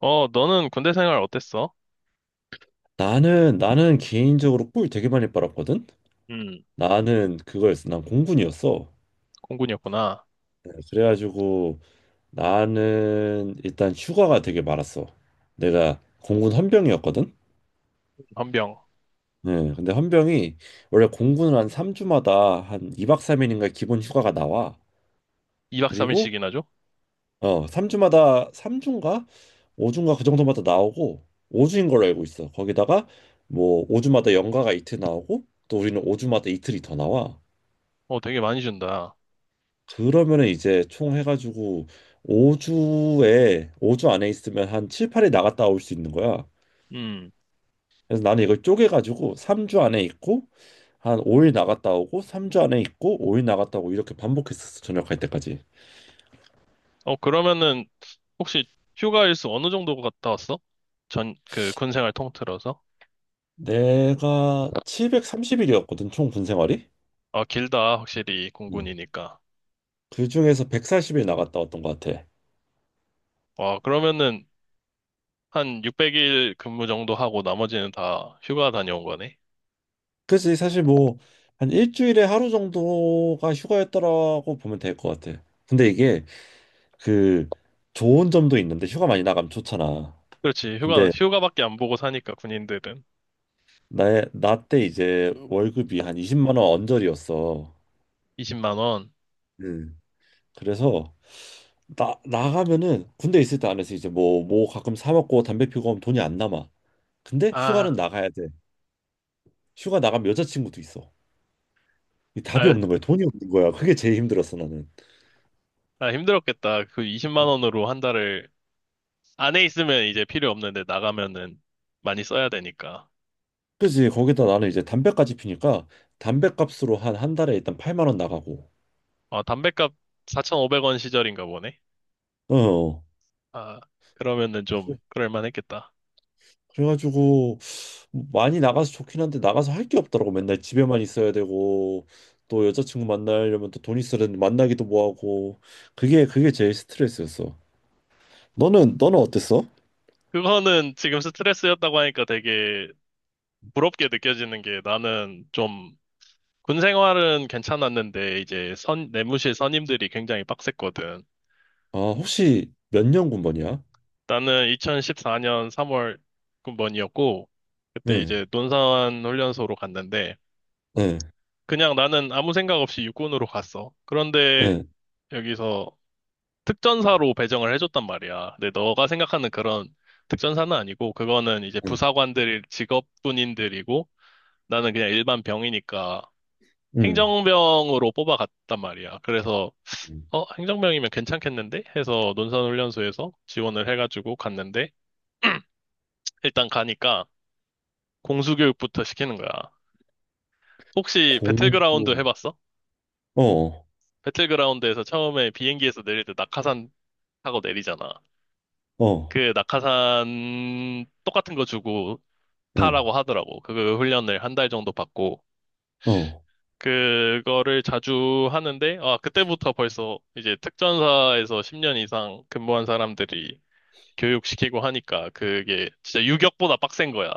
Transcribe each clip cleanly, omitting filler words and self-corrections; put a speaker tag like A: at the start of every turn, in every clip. A: 너는 군대 생활 어땠어?
B: 나는 개인적으로 꿀 되게 많이 빨았거든.
A: 음.
B: 나는 그거였어. 난 공군이었어.
A: 공군이었구나.
B: 네, 그래가지고 나는 일단 휴가가 되게 많았어. 내가 공군 헌병이었거든.
A: 헌병.
B: 네, 근데 헌병이 원래 공군은 한 3주마다 한 2박 3일인가 기본 휴가가 나와.
A: 2박
B: 그리고
A: 3일씩이나 줘?
B: 3주마다 삼 주인가 5주인가 그 정도마다 나오고 5주인 걸로 알고 있어. 거기다가 뭐 5주마다 연가가 이틀 나오고 또 우리는 5주마다 이틀이 더 나와.
A: 어, 되게 많이 준다.
B: 그러면은 이제 총 해가지고 5주에 5주 안에 있으면 한 7, 8일 나갔다 올 수 있는 거야.
A: 음.
B: 그래서 나는 이걸 쪼개가지고 3주 안에 있고 한 5일 나갔다 오고 3주 안에 있고 5일 나갔다 오고 이렇게 반복했었어. 저녁 갈 때까지.
A: 그러면은, 혹시 휴가 일수 어느 정도 갔다 왔어? 군 생활 통틀어서?
B: 내가 730일이었거든 총 군 생활이.
A: 아, 길다. 확실히,
B: 음.
A: 공군이니까.
B: 그 중에서 140일 나갔다 왔던 것 같아.
A: 와, 그러면은, 한 600일 근무 정도 하고 나머지는 다 휴가 다녀온 거네?
B: 그치 사실 뭐 한 일주일에 하루 정도가 휴가였더라고 보면 될 것 같아. 근데 이게 그 좋은 점도 있는데 휴가 많이 나가면 좋잖아.
A: 그렇지. 휴가,
B: 근데
A: 휴가밖에 안 보고 사니까, 군인들은.
B: 나의 나 때 이제 월급이 한 20만 원 언저리였어.
A: 20만 원.
B: 음. 그래서 나 나가면은 군대 있을 때 안에서 이제 뭐 가끔 사 먹고 담배 피고 하면 돈이 안 남아. 근데 휴가는
A: 아,
B: 나가야 돼. 휴가 나가면 여자친구도 있어. 이 답이
A: 아,
B: 없는 거야. 돈이 없는 거야. 그게 제일 힘들었어 나는.
A: 아, 힘들었겠다. 그 20만 원으로 한 달을 안에 있으면 이제 필요 없는데 나가면은 많이 써야 되니까.
B: 그지, 거기다 나는 이제 담배까지 피니까 담배값으로 한 한 달에 일단 8만 원 나가고.
A: 아, 담뱃값 4,500원 시절인가 보네.
B: 어.
A: 아, 그러면은 좀
B: 그래-
A: 그럴만 했겠다.
B: 그래가지고 많이 나가서 좋긴 한데 나가서 할 게 없더라고. 맨날 집에만 있어야 되고 또 여자친구 만나려면 또 돈 있어야 되는데 만나기도 뭐하고, 그게 제일 스트레스였어. 너는 어땠어?
A: 그거는 지금 스트레스였다고 하니까 되게 부럽게 느껴지는 게, 나는 좀 군 생활은 괜찮았는데 이제 내무실 선임들이 굉장히 빡셌거든.
B: 아, 혹시 몇 년 군번이야?
A: 나는 2014년 3월 군번이었고, 그때 이제
B: 응,
A: 논산 훈련소로 갔는데,
B: 응,
A: 그냥 나는 아무 생각 없이 육군으로 갔어. 그런데
B: 응,
A: 여기서 특전사로 배정을 해줬단 말이야. 근데 너가 생각하는 그런 특전사는 아니고, 그거는 이제
B: 응,
A: 부사관들 직업군인들이고, 나는 그냥 일반 병이니까
B: 응.
A: 행정병으로 뽑아갔단 말이야. 그래서, 행정병이면 괜찮겠는데? 해서 논산 훈련소에서 지원을 해가지고 갔는데, 일단 가니까, 공수교육부터 시키는 거야. 혹시
B: 공부.
A: 배틀그라운드 해봤어?
B: 어,
A: 배틀그라운드에서 처음에 비행기에서 내릴 때 낙하산 타고 내리잖아.
B: 어,
A: 그 낙하산 똑같은 거 주고
B: 응,
A: 타라고 하더라고. 그 훈련을 한 달 정도 받고.
B: 어.
A: 그거를 자주 하는데, 아, 그때부터 벌써 이제 특전사에서 10년 이상 근무한 사람들이 교육시키고 하니까 그게 진짜 유격보다 빡센 거야.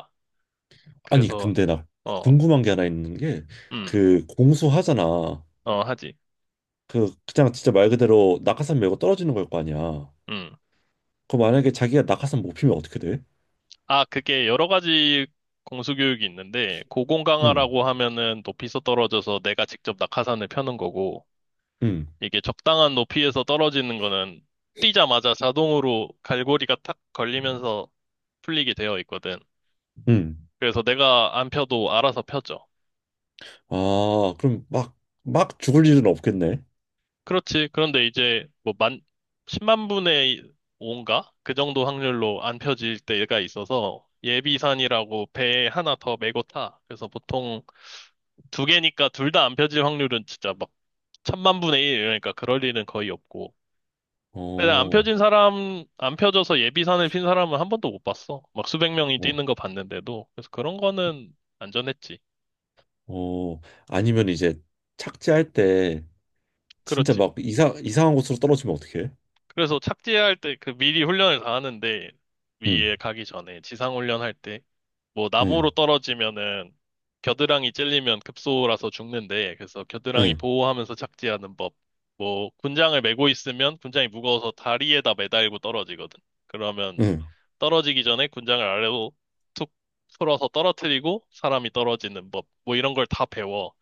B: 아니,
A: 그래서,
B: 근데 나
A: 어,
B: 궁금한 게 하나 있는 게,
A: 음,
B: 그 공수하잖아.
A: 어, 하지.
B: 그냥 진짜 말 그대로 낙하산 메고 떨어지는 걸 거 아니야.
A: 음.
B: 그럼 만약에 자기가 낙하산 못 피면 어떻게 돼?
A: 아, 그게 여러 가지 공수교육이 있는데,
B: 응,
A: 고공강화라고 하면은 높이서 떨어져서 내가 직접 낙하산을 펴는 거고,
B: 응,
A: 이게 적당한 높이에서 떨어지는 거는 뛰자마자 자동으로 갈고리가 탁 걸리면서 풀리게 되어 있거든.
B: 응.
A: 그래서 내가 안 펴도 알아서 펴져.
B: 아, 그럼 막, 막 죽을 일은 없겠네.
A: 그렇지. 그런데 이제 뭐 10만 분의 5인가? 그 정도 확률로 안 펴질 때가 있어서 예비산이라고 배에 하나 더 메고 타. 그래서 보통 두 개니까 둘 다 안 펴질 확률은 진짜 막 천만 분의 일 이러니까 그럴 일은 거의 없고. 근데
B: 어,
A: 안 펴져서 예비산을 핀 사람은 한 번도 못 봤어. 막 수백 명이
B: 어,
A: 뛰는 거 봤는데도. 그래서 그런 거는 안전했지.
B: 어. 아니면 이제 착지할 때 진짜
A: 그렇지.
B: 막 이상한 곳으로 떨어지면 어떡해?
A: 그래서 착지할 때 그 미리 훈련을 다 하는데,
B: 응,
A: 위에 가기 전에 지상 훈련할 때 뭐
B: 응,
A: 나무로 떨어지면은 겨드랑이 찔리면 급소라서 죽는데, 그래서 겨드랑이
B: 응,
A: 보호하면서 착지하는 법. 뭐 군장을 메고 있으면 군장이 무거워서 다리에다 매달고 떨어지거든. 그러면
B: 응,
A: 떨어지기 전에 군장을 아래로 툭 풀어서 떨어뜨리고 사람이 떨어지는 법. 뭐 이런 걸 다 배워.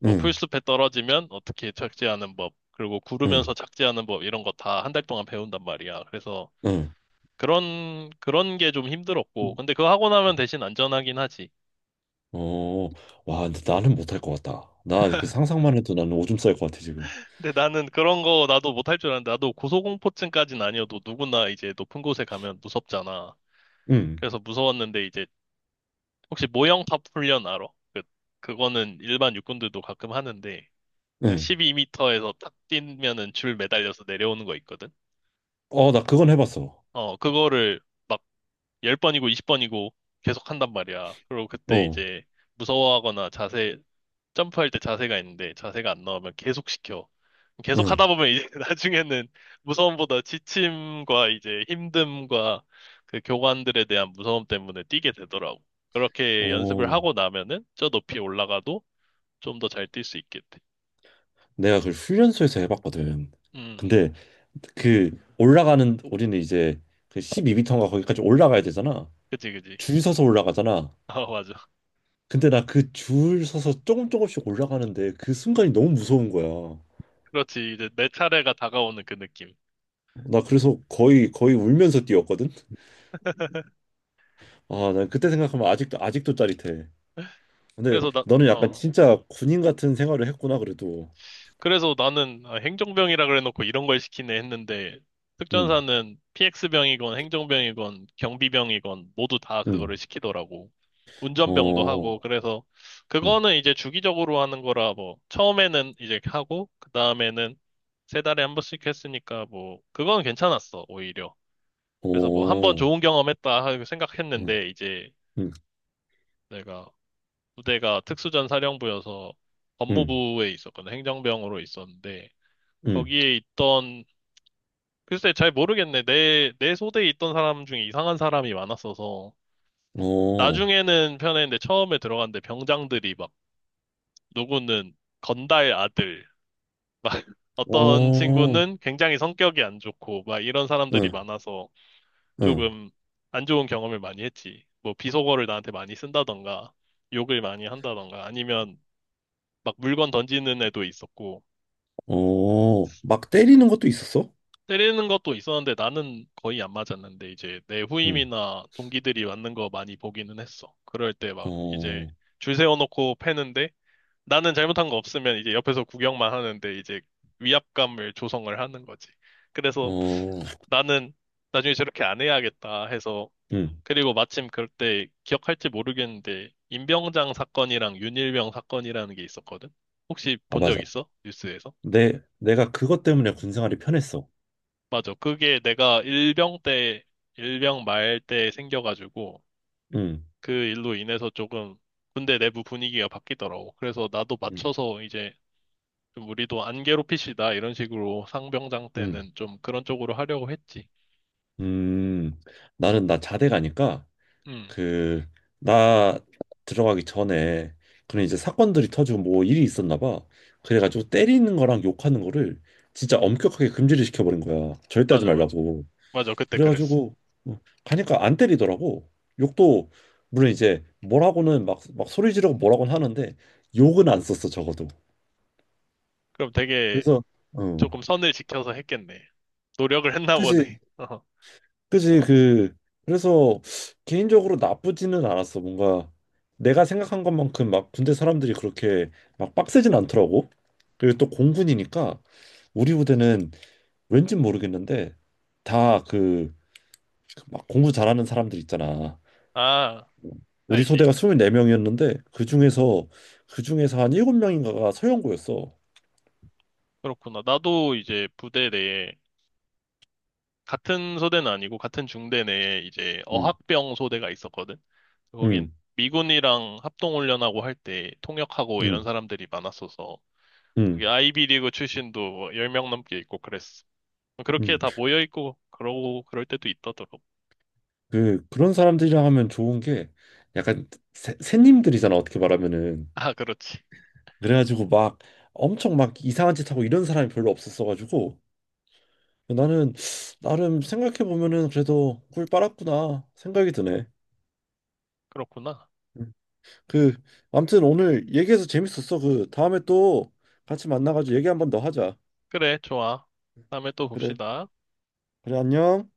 A: 뭐
B: 응,
A: 풀숲에 떨어지면 어떻게 착지하는 법, 그리고 구르면서
B: 응,
A: 착지하는 법, 이런 거 다 한 달 동안 배운단 말이야. 그래서
B: 응.
A: 그런 게 좀 힘들었고, 근데 그거 하고 나면 대신 안전하긴 하지.
B: 어, 와, 근데 나는 못 할 것 같다. 나 그 상상만 해도 나는 오줌 쌀 것 같아, 지금.
A: 근데 나는 그런 거 나도 못할 줄 알았는데, 나도 고소공포증까진 아니어도 누구나 이제 높은 곳에 가면 무섭잖아.
B: 응,
A: 그래서 무서웠는데, 이제 혹시 모형탑 훈련 알아? 그 그거는 일반 육군들도 가끔 하는데
B: 응.
A: 12m에서 탁 뛰면은 줄 매달려서 내려오는 거 있거든.
B: 어, 나 그건 해봤어.
A: 어, 그거를 막 10번이고 20번이고 계속 한단 말이야. 그리고 그때
B: 어,
A: 이제 무서워하거나 점프할 때 자세가 있는데 자세가 안 나오면 계속 시켜. 계속
B: 응,
A: 하다 보면 이제 나중에는 무서움보다 지침과 이제 힘듦과 그 교관들에 대한 무서움 때문에 뛰게 되더라고. 그렇게 연습을
B: 어.
A: 하고 나면은 저 높이 올라가도 좀 더 잘 뛸 수 있겠대.
B: 내가 그걸 훈련소에서 해봤거든.
A: 음,
B: 근데 그 올라가는 우리는 이제 그 12m인가 거기까지 올라가야 되잖아.
A: 그지, 그지.
B: 줄 서서 올라가잖아.
A: 아, 맞아.
B: 근데 나 그 줄 서서 조금 조금씩 올라가는데 그 순간이 너무 무서운 거야.
A: 그렇지. 이제 내 차례가 다가오는 그 느낌.
B: 나 그래서 거의 거의 울면서 뛰었거든. 아, 난 그때 생각하면 아직도 아직도 짜릿해. 근데
A: 그래서 나,
B: 너는 약간
A: 어.
B: 진짜 군인 같은 생활을 했구나, 그래도.
A: 그래서 나는, 아, 행정병이라 그래놓고 이런 걸 시키네 했는데,
B: 응,
A: 특전사는 PX병이건 행정병이건 경비병이건 모두 다
B: 응,
A: 그거를 시키더라고. 운전병도 하고
B: 어,
A: 그래서,
B: 응,
A: 그거는 이제 주기적으로 하는 거라 뭐 처음에는 이제 하고 그 다음에는 세 달에 한 번씩 했으니까 뭐 그건 괜찮았어 오히려. 그래서 뭐 한 번
B: 어,
A: 좋은 경험했다 하고
B: 응,
A: 생각했는데, 이제
B: 응,
A: 내가 부대가 특수전 사령부여서
B: 응,
A: 법무부에 있었거든, 행정병으로 있었는데.
B: 응,
A: 거기에 있던, 글쎄 잘 모르겠네. 내 소대에 있던 사람 중에 이상한 사람이 많았어서.
B: 어.
A: 나중에는 편했는데 처음에 들어갔는데 병장들이 막, 누구는 건달 아들, 어떤
B: 어,
A: 친구는 굉장히 성격이 안 좋고, 막 이런 사람들이
B: 응,
A: 많아서
B: 응.
A: 조금 안 좋은 경험을 많이 했지. 뭐 비속어를 나한테 많이 쓴다던가, 욕을 많이 한다던가, 아니면 막 물건 던지는 애도 있었고,
B: 어, 막 때리는 것도 있었어?
A: 때리는 것도 있었는데 나는 거의 안 맞았는데 이제 내
B: 응.
A: 후임이나 동기들이 맞는 거 많이 보기는 했어. 그럴 때 막 이제
B: 어,
A: 줄 세워놓고 패는데, 나는 잘못한 거 없으면 이제 옆에서 구경만 하는데 이제 위압감을 조성을 하는 거지. 그래서
B: 어,
A: 나는 나중에 저렇게 안 해야겠다 해서.
B: 응.
A: 그리고 마침 그때, 기억할지 모르겠는데, 임병장 사건이랑 윤일병 사건이라는 게 있었거든. 혹시
B: 아,
A: 본 적
B: 맞아.
A: 있어? 뉴스에서?
B: 내가 그것 때문에 군 생활이 편했어.
A: 맞아. 그게 내가 일병 때, 일병 말 때 생겨가지고,
B: 응,
A: 그 일로 인해서 조금 군대 내부 분위기가 바뀌더라고. 그래서 나도
B: 응,
A: 맞춰서 이제 좀 우리도 안 괴롭히시다, 이런 식으로 상병장
B: 응.
A: 때는 좀 그런 쪽으로 하려고 했지.
B: 음, 나는 나 자대 가니까,
A: 음,
B: 그, 나 들어가기 전에, 그런 이제 사건들이 터지고 뭐 일이 있었나 봐. 그래가지고 때리는 거랑 욕하는 거를 진짜 엄격하게 금지를 시켜버린 거야. 절대 하지
A: 맞아, 맞아.
B: 말라고.
A: 맞아, 그때 그랬어.
B: 그래가지고 가니까 안 때리더라고. 욕도 물론 이제 뭐라고는 막 막 소리 지르고 뭐라고는 하는데, 욕은 안 썼어 적어도.
A: 그럼 되게
B: 그래서, 어
A: 조금 선을 지켜서 했겠네. 노력을 했나
B: 그지,
A: 보네.
B: 그지, 그래서 개인적으로 나쁘지는 않았어. 뭔가 내가 생각한 것만큼 막 군대 사람들이 그렇게 막 빡세진 않더라고. 그리고 또 공군이니까 우리 부대는 왠진 모르겠는데 다 그 막 공부 잘하는 사람들 있잖아.
A: 어. 아,
B: 우리
A: 알지.
B: 소대가 24명이었는데 그중에서 한 7명인가가 서영구였어.
A: 그렇구나. 나도 이제 부대 내에 같은 소대는 아니고 같은 중대 내에 이제
B: 음.
A: 어학병 소대가 있었거든. 거긴
B: 음.
A: 미군이랑 합동훈련하고 할 때 통역하고 이런
B: 음.
A: 사람들이 많았어서, 거기
B: 음.
A: 아이비리그 출신도 10명 넘게 있고 그랬어. 그렇게
B: 음.
A: 다 모여 있고 그러고 그럴 때도 있더라고.
B: 그런 사람들이랑 하면 좋은 게 약간 새님들이잖아, 어떻게 말하면은.
A: 아, 그렇지.
B: 그래가지고 막 엄청 막 이상한 짓 하고 이런 사람이 별로 없었어 가지고, 나는 나름 생각해 보면은 그래도 꿀 빨았구나 생각이 드네.
A: 그렇구나.
B: 음. 그 아무튼 오늘 얘기해서 재밌었어. 그 다음에 또 같이 만나가지고 얘기 한번 더 하자.
A: 그래, 좋아. 다음에 또
B: 그래.
A: 봅시다.
B: 그래, 안녕.